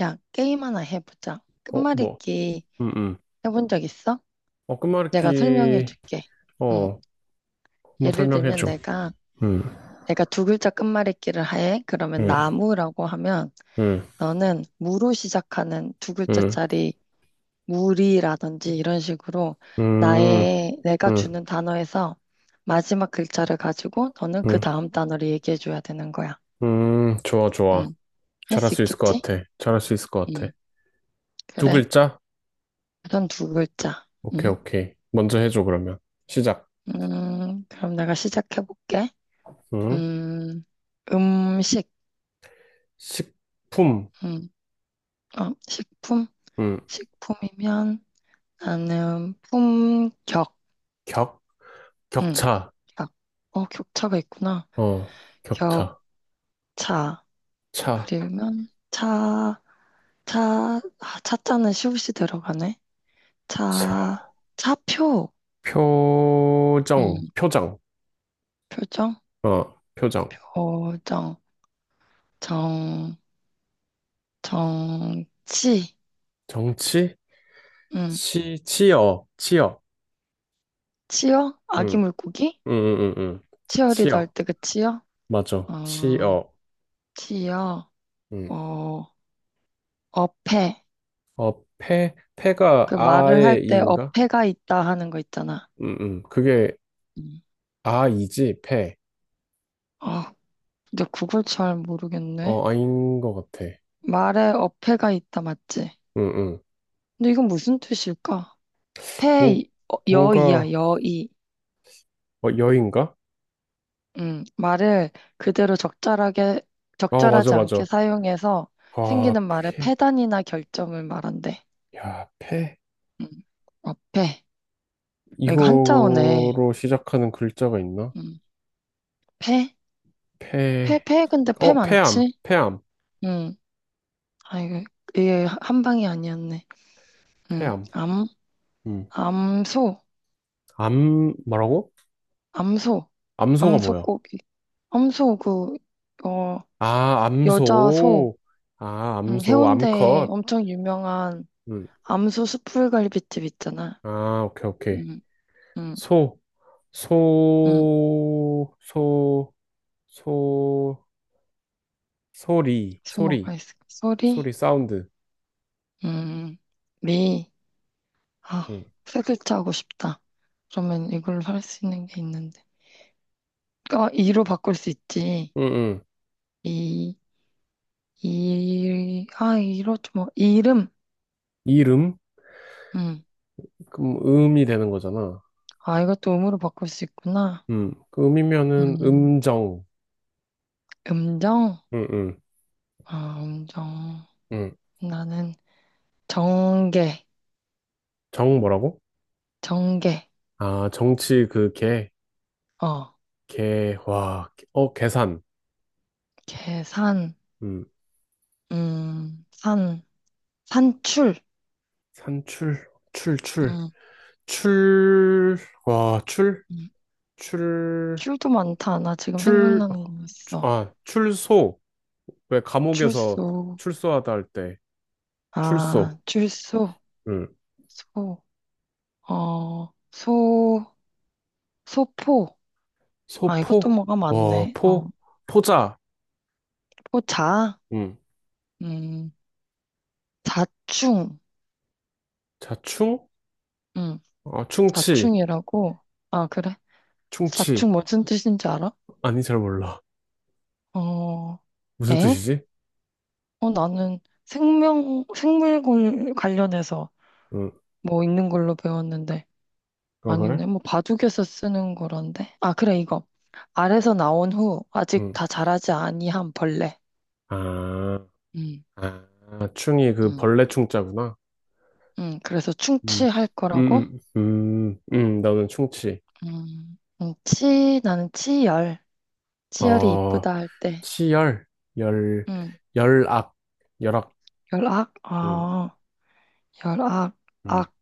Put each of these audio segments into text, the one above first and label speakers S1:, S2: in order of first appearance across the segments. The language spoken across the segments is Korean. S1: 야, 게임 하나 해보자.
S2: 어, 뭐,
S1: 끝말잇기
S2: 응, 응.
S1: 해본 적 있어?
S2: 어,
S1: 내가 설명해
S2: 끝말잇기,
S1: 줄게. 응.
S2: 어, 한번
S1: 예를 들면
S2: 설명해줘.
S1: 내가,
S2: 음,
S1: 내가 두 글자 끝말잇기를 해. 그러면
S2: 음,
S1: 나무라고 하면
S2: 음,
S1: 너는 무로 시작하는 두
S2: 음,
S1: 글자짜리 무리라든지 이런 식으로
S2: 음,
S1: 내가
S2: 음,
S1: 주는 단어에서 마지막 글자를 가지고 너는 그
S2: 음,
S1: 다음 단어를 얘기해 줘야 되는 거야.
S2: 좋아, 좋아.
S1: 응. 할
S2: 잘할
S1: 수
S2: 수 있을 것
S1: 있겠지?
S2: 같아. 잘할 수 있을 것 같아.
S1: 응.
S2: 두
S1: 그래.
S2: 글자?
S1: 우선 두 글자.
S2: 오케이,
S1: 응.
S2: 오케이. 먼저 해줘, 그러면. 시작.
S1: 그럼 내가 시작해 볼게.
S2: 음,
S1: 음, 음식,
S2: 식품,
S1: 음, 식품?
S2: 음,
S1: 식품이면 나는 품격,
S2: 격,
S1: 음,
S2: 격차,
S1: 격. 격차가 있구나.
S2: 어, 격차,
S1: 격차. 그
S2: 차,
S1: 리면 차, 차자는 시옷이 들어가네. 차,
S2: 차,
S1: 차표,
S2: 표정,
S1: 음,
S2: 표정,
S1: 표정,
S2: 어, 표정.
S1: 표정, 정, 정치,
S2: 정치,
S1: 음,
S2: 치, 치어, 치어.
S1: 치어? 아기
S2: 음.
S1: 물고기?
S2: 응응응응.
S1: 치어리더 할
S2: 치어.
S1: 때 그 치어?
S2: 맞아.
S1: 어,
S2: 치어.
S1: 치어,
S2: 응.
S1: 어, 어폐.
S2: 어, 폐가
S1: 그 말을 할
S2: 아의
S1: 때
S2: 이인가?
S1: 어폐가 있다 하는 거 있잖아.
S2: 응응. 그게
S1: 음.
S2: 아이지, 폐.
S1: 아, 근데 그걸 잘 모르겠네.
S2: 어, 아인 것 같아.
S1: 말에 어폐가 있다 맞지?
S2: 응응.
S1: 근데 이건 무슨 뜻일까? 폐,
S2: 뭐, 뭔가,
S1: 여이야, 여이.
S2: 어, 여인가?
S1: 말을 그대로
S2: 어, 맞아,
S1: 적절하지 않게
S2: 맞아.
S1: 사용해서
S2: 아,
S1: 생기는 말의
S2: 폐.
S1: 폐단이나 결점을 말한대.
S2: 야, 폐.
S1: 음, 어폐. 아, 이거 한자어네.
S2: 이거로 시작하는 글자가 있나?
S1: 음, 폐? 폐,
S2: 폐.
S1: 폐, 근데 폐
S2: 어, 폐암.
S1: 많지?
S2: 폐암.
S1: 음, 아, 이게 한 방이 아니었네. 응,
S2: 폐암.
S1: 암,
S2: 음.
S1: 암소,
S2: 암, 뭐라고?
S1: 암소,
S2: 암소가 뭐야?
S1: 암소고기. 암소, 어,
S2: 아,
S1: 여자 소,
S2: 암소. 아,
S1: 응,
S2: 암소,
S1: 해운대에
S2: 암컷.
S1: 엄청 유명한
S2: 음.
S1: 암소 숯불갈비집 있잖아.
S2: 아, 오케이, 오케이.
S1: 응, 응,
S2: 소,
S1: 응,
S2: 소, 소, 소, 소리, 소리,
S1: 소모가 있어. 소리,
S2: 소리, 사운드.
S1: 응, 리, 아,
S2: 음.
S1: 세 글자 하고 싶다. 그러면 이걸로 할 수 있는 게 있는데. 아, 이로 바꿀 수 있지.
S2: 음, 음.
S1: 이, 이, 아, 이로 좀, 이름.
S2: 이름?
S1: 응,
S2: 그럼 음이 되는 거잖아.
S1: 아, 이것도 음으로 바꿀 수 있구나.
S2: 음. 그 음이면은
S1: 음.
S2: 음정.
S1: 음정?
S2: 음, 음,
S1: 아, 음정.
S2: 음.
S1: 나는 정계,
S2: 정 뭐라고?
S1: 정계.
S2: 아, 정치 그 개,
S1: 어,
S2: 개, 와, 계산.
S1: 계산,
S2: 음.
S1: 산, 산출.
S2: 산출, 출, 출,
S1: 음,
S2: 출, 와, 출?
S1: 음.
S2: 출,
S1: 출도 많다. 나 지금
S2: 출, 어,
S1: 생각나는 거 있어.
S2: 아, 출소. 왜 감옥에서
S1: 출소,
S2: 출소하다 할 때,
S1: 아,
S2: 출소.
S1: 출소,
S2: 응.
S1: 소, 소, 소포. 아, 이것도
S2: 소포?
S1: 뭐가
S2: 어,
S1: 많네.
S2: 포? 포자.
S1: 포자,
S2: 응.
S1: 음, 자충,
S2: 자, 충?
S1: 음,
S2: 어, 충치.
S1: 자충이라고. 아, 그래?
S2: 충치.
S1: 자충 무슨 뜻인지 알아?
S2: 아니, 잘 몰라.
S1: 어,
S2: 무슨
S1: 에?
S2: 뜻이지?
S1: 나는 생명, 생물 관련해서
S2: 응.
S1: 뭐 있는 걸로 배웠는데.
S2: 어, 그래?
S1: 아니네. 뭐 바둑에서 쓰는 거란데. 아, 그래, 이거. 알에서 나온 후 아직
S2: 응.
S1: 다 자라지 아니한 벌레.
S2: 아,
S1: 음,
S2: 아, 충이 그
S1: 음.
S2: 벌레 충자구나.
S1: 그래서
S2: 음,
S1: 충치할 거라고?
S2: 음, 음, 나는 충치.
S1: 음. 치, 나는 치열. 치열이
S2: 어,
S1: 이쁘다 할 때.
S2: 치열, 열,
S1: 음,
S2: 열악, 열악.
S1: 열악? 아, 열악.
S2: 음,
S1: 악,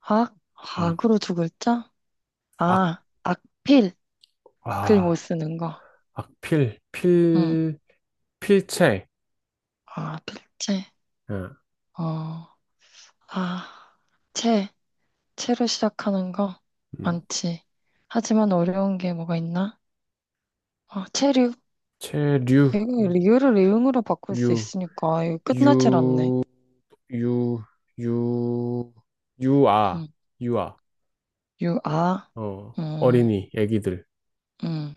S1: 악?
S2: 음.
S1: 악으로 두 글자?
S2: 악,
S1: 아, 악필. 글
S2: 아,
S1: 못 쓰는 거.
S2: 악필,
S1: 응.
S2: 필, 필체,
S1: 아, 필체.
S2: 어,
S1: 어, 아, 채. 채로 시작하는 거
S2: 음.
S1: 많지. 하지만 어려운 게 뭐가 있나? 아, 체류.
S2: 체류,
S1: 이거 리을을 리응으로 바꿀 수
S2: 유,
S1: 있으니까 이거 끝나질 않네.
S2: 유, 유, 유, 유아,
S1: 음,
S2: 유아,
S1: 유, 아.
S2: 어,
S1: 음,
S2: 어린이, 애기들,
S1: 음.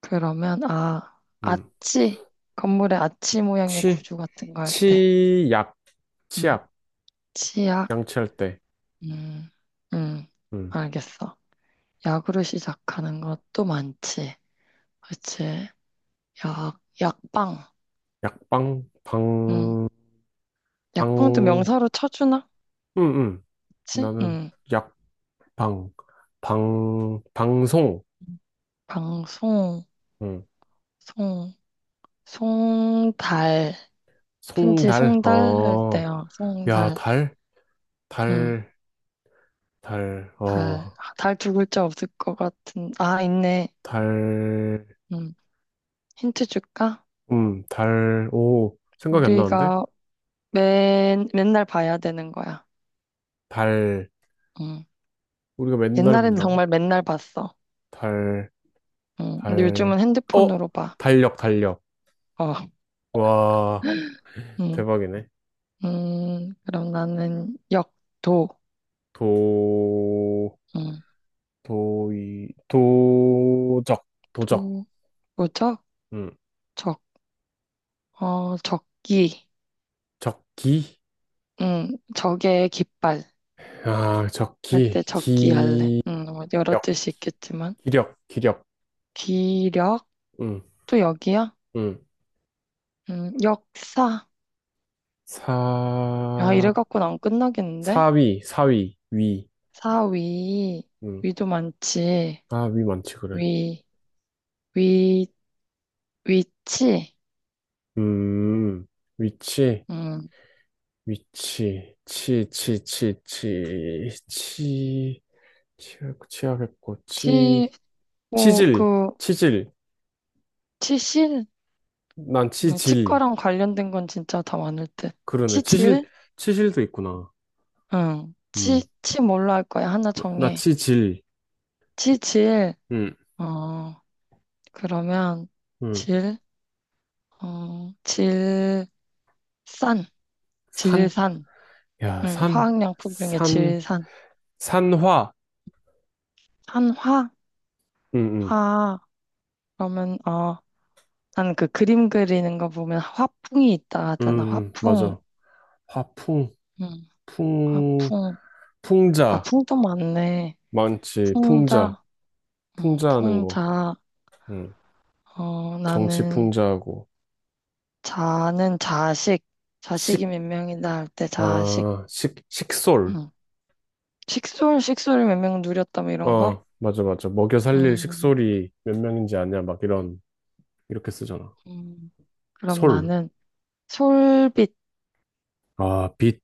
S1: 그러면 아,
S2: 음.
S1: 아치. 건물의 아치 모양의
S2: 치,
S1: 구조 같은 거 할 때.
S2: 치약,
S1: 음,
S2: 치약,
S1: 치약.
S2: 양치할 때,
S1: 음, 음.
S2: 음.
S1: 알겠어. 약으로 시작하는 것도 많지. 그치? 약, 약방.
S2: 약방,
S1: 음.
S2: 방,
S1: 약방도
S2: 방,
S1: 명사로 쳐주나?
S2: 음, 음.
S1: 그치?
S2: 나는
S1: 음.
S2: 약방, 방, 방송,
S1: 방송,
S2: 음.
S1: 송, 송달. 편지
S2: 송달,
S1: 송달 할
S2: 어.
S1: 때요.
S2: 야,
S1: 송달.
S2: 달?
S1: 음.
S2: 달, 달,
S1: 달.
S2: 어,
S1: 달 두 글자 없을 것 같은. 아, 있네.
S2: 달,
S1: 음. 힌트 줄까?
S2: 달, 오, 생각이 안 나는데?
S1: 우리가 맨날 봐야 되는 거야.
S2: 달,
S1: 음.
S2: 우리가 맨날
S1: 옛날에는
S2: 본다고?
S1: 정말 맨날 봤어.
S2: 달,
S1: 음. 근데
S2: 달,
S1: 요즘은
S2: 어?
S1: 핸드폰으로 봐.
S2: 달력, 달력.
S1: 어.
S2: 와,
S1: 음.
S2: 대박이네.
S1: 음. 그럼 나는 도.
S2: 도,
S1: 음.
S2: 도이, 도적, 도적,
S1: 도, 뭐죠?
S2: 음,
S1: 적. 적기.
S2: 적기?
S1: 응, 적의 깃발.
S2: 아,
S1: 할
S2: 적기,
S1: 때 적기 할래.
S2: 기력,
S1: 응, 뭐 여러 뜻이 있겠지만.
S2: 기력, 기력,
S1: 기력?
S2: 음,
S1: 또 여기야?
S2: 음,
S1: 역사. 야, 이래
S2: 사,
S1: 갖고는 안 끝나겠는데?
S2: 사위, 사위, 위.
S1: 사위.
S2: 음.
S1: 위도 많지.
S2: 아, 위 많지, 그래.
S1: 위, 위, 위치.
S2: 음, 위치,
S1: 음
S2: 위치, 치, 치, 치, 치, 치, 치약, 치약했고,
S1: 치,
S2: 치,
S1: 뭐,
S2: 치질,
S1: 그,
S2: 치질,
S1: 치실?
S2: 난
S1: 그래,
S2: 치질.
S1: 치과랑 관련된 건 진짜 다 많을 듯.
S2: 그러네. 치실,
S1: 치질?
S2: 치실도 있구나.
S1: 응. 치,
S2: 음,
S1: 치 뭘로 할 거야? 하나
S2: 나
S1: 정해.
S2: 치질.
S1: 치질.
S2: 음,
S1: 어. 그러면
S2: 음,
S1: 질, 질산,
S2: 산,
S1: 질산.
S2: 야, 산,
S1: 화학양품 중에
S2: 산,
S1: 질산.
S2: 산화.
S1: 한화,
S2: 음, 음,
S1: 화. 그러면 나는 그 그림 그리는 거 보면 화풍이 있다 하잖아. 화풍.
S2: 맞아. 화풍,
S1: 음,
S2: 풍,
S1: 화풍. 아,
S2: 풍자.
S1: 풍도 많네.
S2: 많지, 풍자.
S1: 풍자.
S2: 풍자하는 거.
S1: 풍자.
S2: 음.
S1: 나는
S2: 정치풍자하고
S1: 자는 자식.
S2: 식,
S1: 자식이 몇 명이다 할 때 자식.
S2: 아, 식, 식솔.
S1: 음, 식솔, 식솔을 몇 명 누렸다 뭐 이런 거.
S2: 어, 맞아, 맞아. 먹여 살릴
S1: 음,
S2: 식솔이 몇 명인지 아냐? 막 이런, 이렇게 쓰잖아.
S1: 음. 그럼
S2: 솔.
S1: 나는 솔빛,
S2: 아, 빛.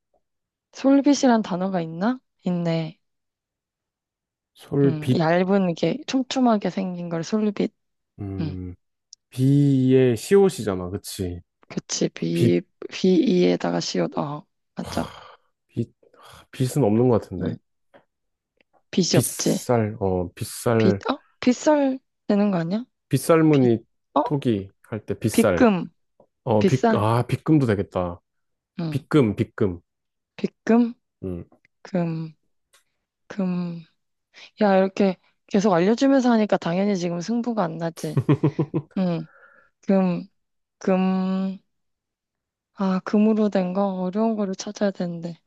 S1: 솔빛이란 단어가 있나? 있네.
S2: 솔, 빛.
S1: 얇은 게 촘촘하게 생긴 걸 솔빛. 음,
S2: 음, 비의 시옷이잖아. 그치?
S1: 그치.
S2: 빛,
S1: 비, 비이에다가 시옷. 어, 맞아.
S2: 빛. 아, 빛은 없는 것
S1: 음,
S2: 같은데.
S1: 빛이 없지.
S2: 빗살, 어,
S1: 빛,
S2: 빗살.
S1: 어? 빗살 되는 거 아니야? 빛,
S2: 빗살무늬
S1: 어?
S2: 토기 할 때 빗살.
S1: 빗금,
S2: 어, 빗,
S1: 빗살.
S2: 아, 빗금도 되겠다.
S1: 음,
S2: 빗금, 빗금.
S1: 빗금,
S2: 음.
S1: 금, 금. 야, 이렇게 계속 알려주면서 하니까 당연히 지금 승부가 안 나지. 음, 금, 금. 아, 금으로 된 거? 어려운 거를 찾아야 되는데.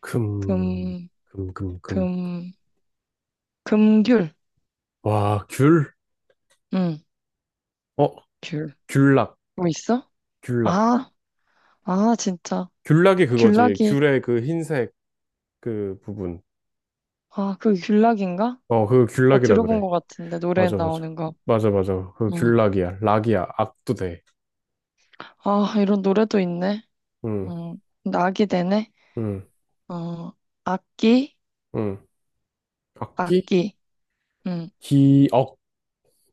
S2: 금,
S1: 금,
S2: 금, 금, 금.
S1: 금, 금귤.
S2: 와, 귤?
S1: 응,
S2: 어,
S1: 귤.
S2: 귤락,
S1: 뭐 있어?
S2: 귤락.
S1: 아, 아, 진짜.
S2: 귤락이 그거지.
S1: 귤락이.
S2: 귤의 그 흰색 그 부분.
S1: 아, 그 귤락인가?
S2: 어, 그거
S1: 나
S2: 귤락이라
S1: 들어본
S2: 그래.
S1: 것 같은데, 노래에
S2: 맞아, 맞아.
S1: 나오는 거.
S2: 맞아, 맞아. 그
S1: 응.
S2: 귤락이야. 락이야. 악도 돼.
S1: 아, 이런 노래도 있네.
S2: 응,
S1: 응. 낙이 되네.
S2: 응,
S1: 어, 악기,
S2: 응. 악기?
S1: 악기. 응.
S2: 기억,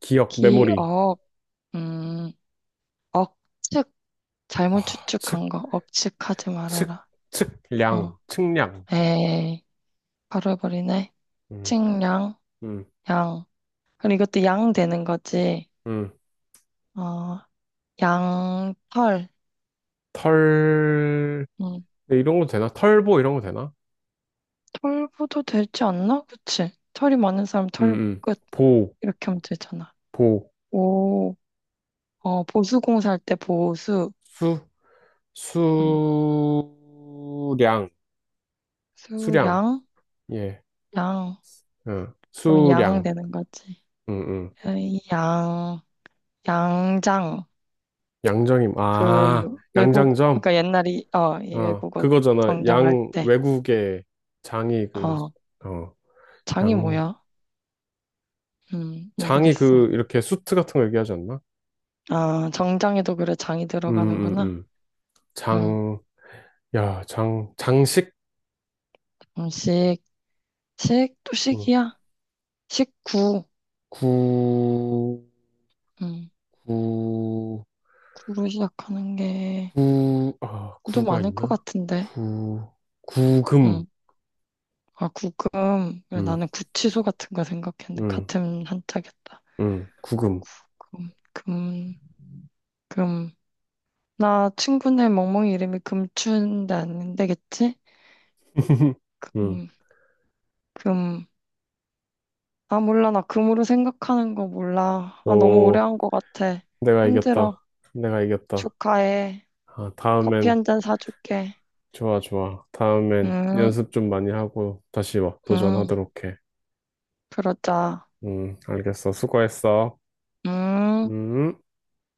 S2: 기억, 메모리.
S1: 기억, 음, 억측. 잘못
S2: 아, 측,
S1: 추측한 거. 억측하지
S2: 측,
S1: 말아라. 어,
S2: 측량, 측량.
S1: 에이. 바로 해버리네.
S2: 응,
S1: 측량,
S2: 응,
S1: 양. 그럼 이것도 양 되는 거지.
S2: 응.
S1: 어, 양털.
S2: 털,
S1: 음,
S2: 네, 이런 거 되나? 털보 이런 거 되나?
S1: 털보도 되지 않나? 그치? 털이 많은 사람
S2: 응,
S1: 털보
S2: 응.
S1: 끝.
S2: 보,
S1: 이렇게 하면 되잖아.
S2: 보,
S1: 오, 보수공사 할 때 보수.
S2: 수,
S1: 음,
S2: 수량, 수량,
S1: 수량,
S2: 예,
S1: 양.
S2: 어,
S1: 그러면 양
S2: 수량,
S1: 되는 거지.
S2: 응, 응.
S1: 에이, 양, 양장.
S2: 양정임, 아,
S1: 그, 외국,
S2: 양장점,
S1: 그러니까 옛날이, 이
S2: 어,
S1: 외국어
S2: 그거잖아.
S1: 정장할
S2: 양,
S1: 때.
S2: 외국의 장이 그,
S1: 어,
S2: 어,
S1: 장이
S2: 양,
S1: 뭐야?
S2: 장이
S1: 모르겠어.
S2: 그, 이렇게 수트 같은 거 얘기하지 않나?
S1: 아, 정장에도 그래, 장이
S2: 음, 음,
S1: 들어가는구나.
S2: 음.
S1: 음,
S2: 장, 야, 장, 장식?
S1: 음식. 식? 또
S2: 어,
S1: 식이야? 식구.
S2: 구,
S1: 음,
S2: 구,
S1: 구로 시작하는 게
S2: 구, 아,
S1: 좀
S2: 구가
S1: 많을 것
S2: 있나?
S1: 같은데.
S2: 구, 구금,
S1: 음, 아, 구금. 그래,
S2: 음,
S1: 나는 구치소 같은 거 생각했는데
S2: 음,
S1: 같은 한자겠다.
S2: 구금.
S1: 구금, 금, 금. 나 친구네 멍멍이 이름이 금춘데 안 되겠지?
S2: 응.
S1: 금, 금. 아, 몰라. 나 금으로 생각하는 거 몰라. 아, 너무 오래
S2: 오,
S1: 한 것 같아.
S2: 내가
S1: 힘들어.
S2: 이겼다. 내가 이겼다.
S1: 축하해.
S2: 아,
S1: 커피
S2: 다음엔,
S1: 한 잔 사줄게.
S2: 좋아, 좋아. 다음엔
S1: 응,
S2: 연습 좀 많이 하고 다시 와,
S1: 응,
S2: 도전하도록 해.
S1: 그러자.
S2: 알겠어. 수고했어.
S1: 응.
S2: 음.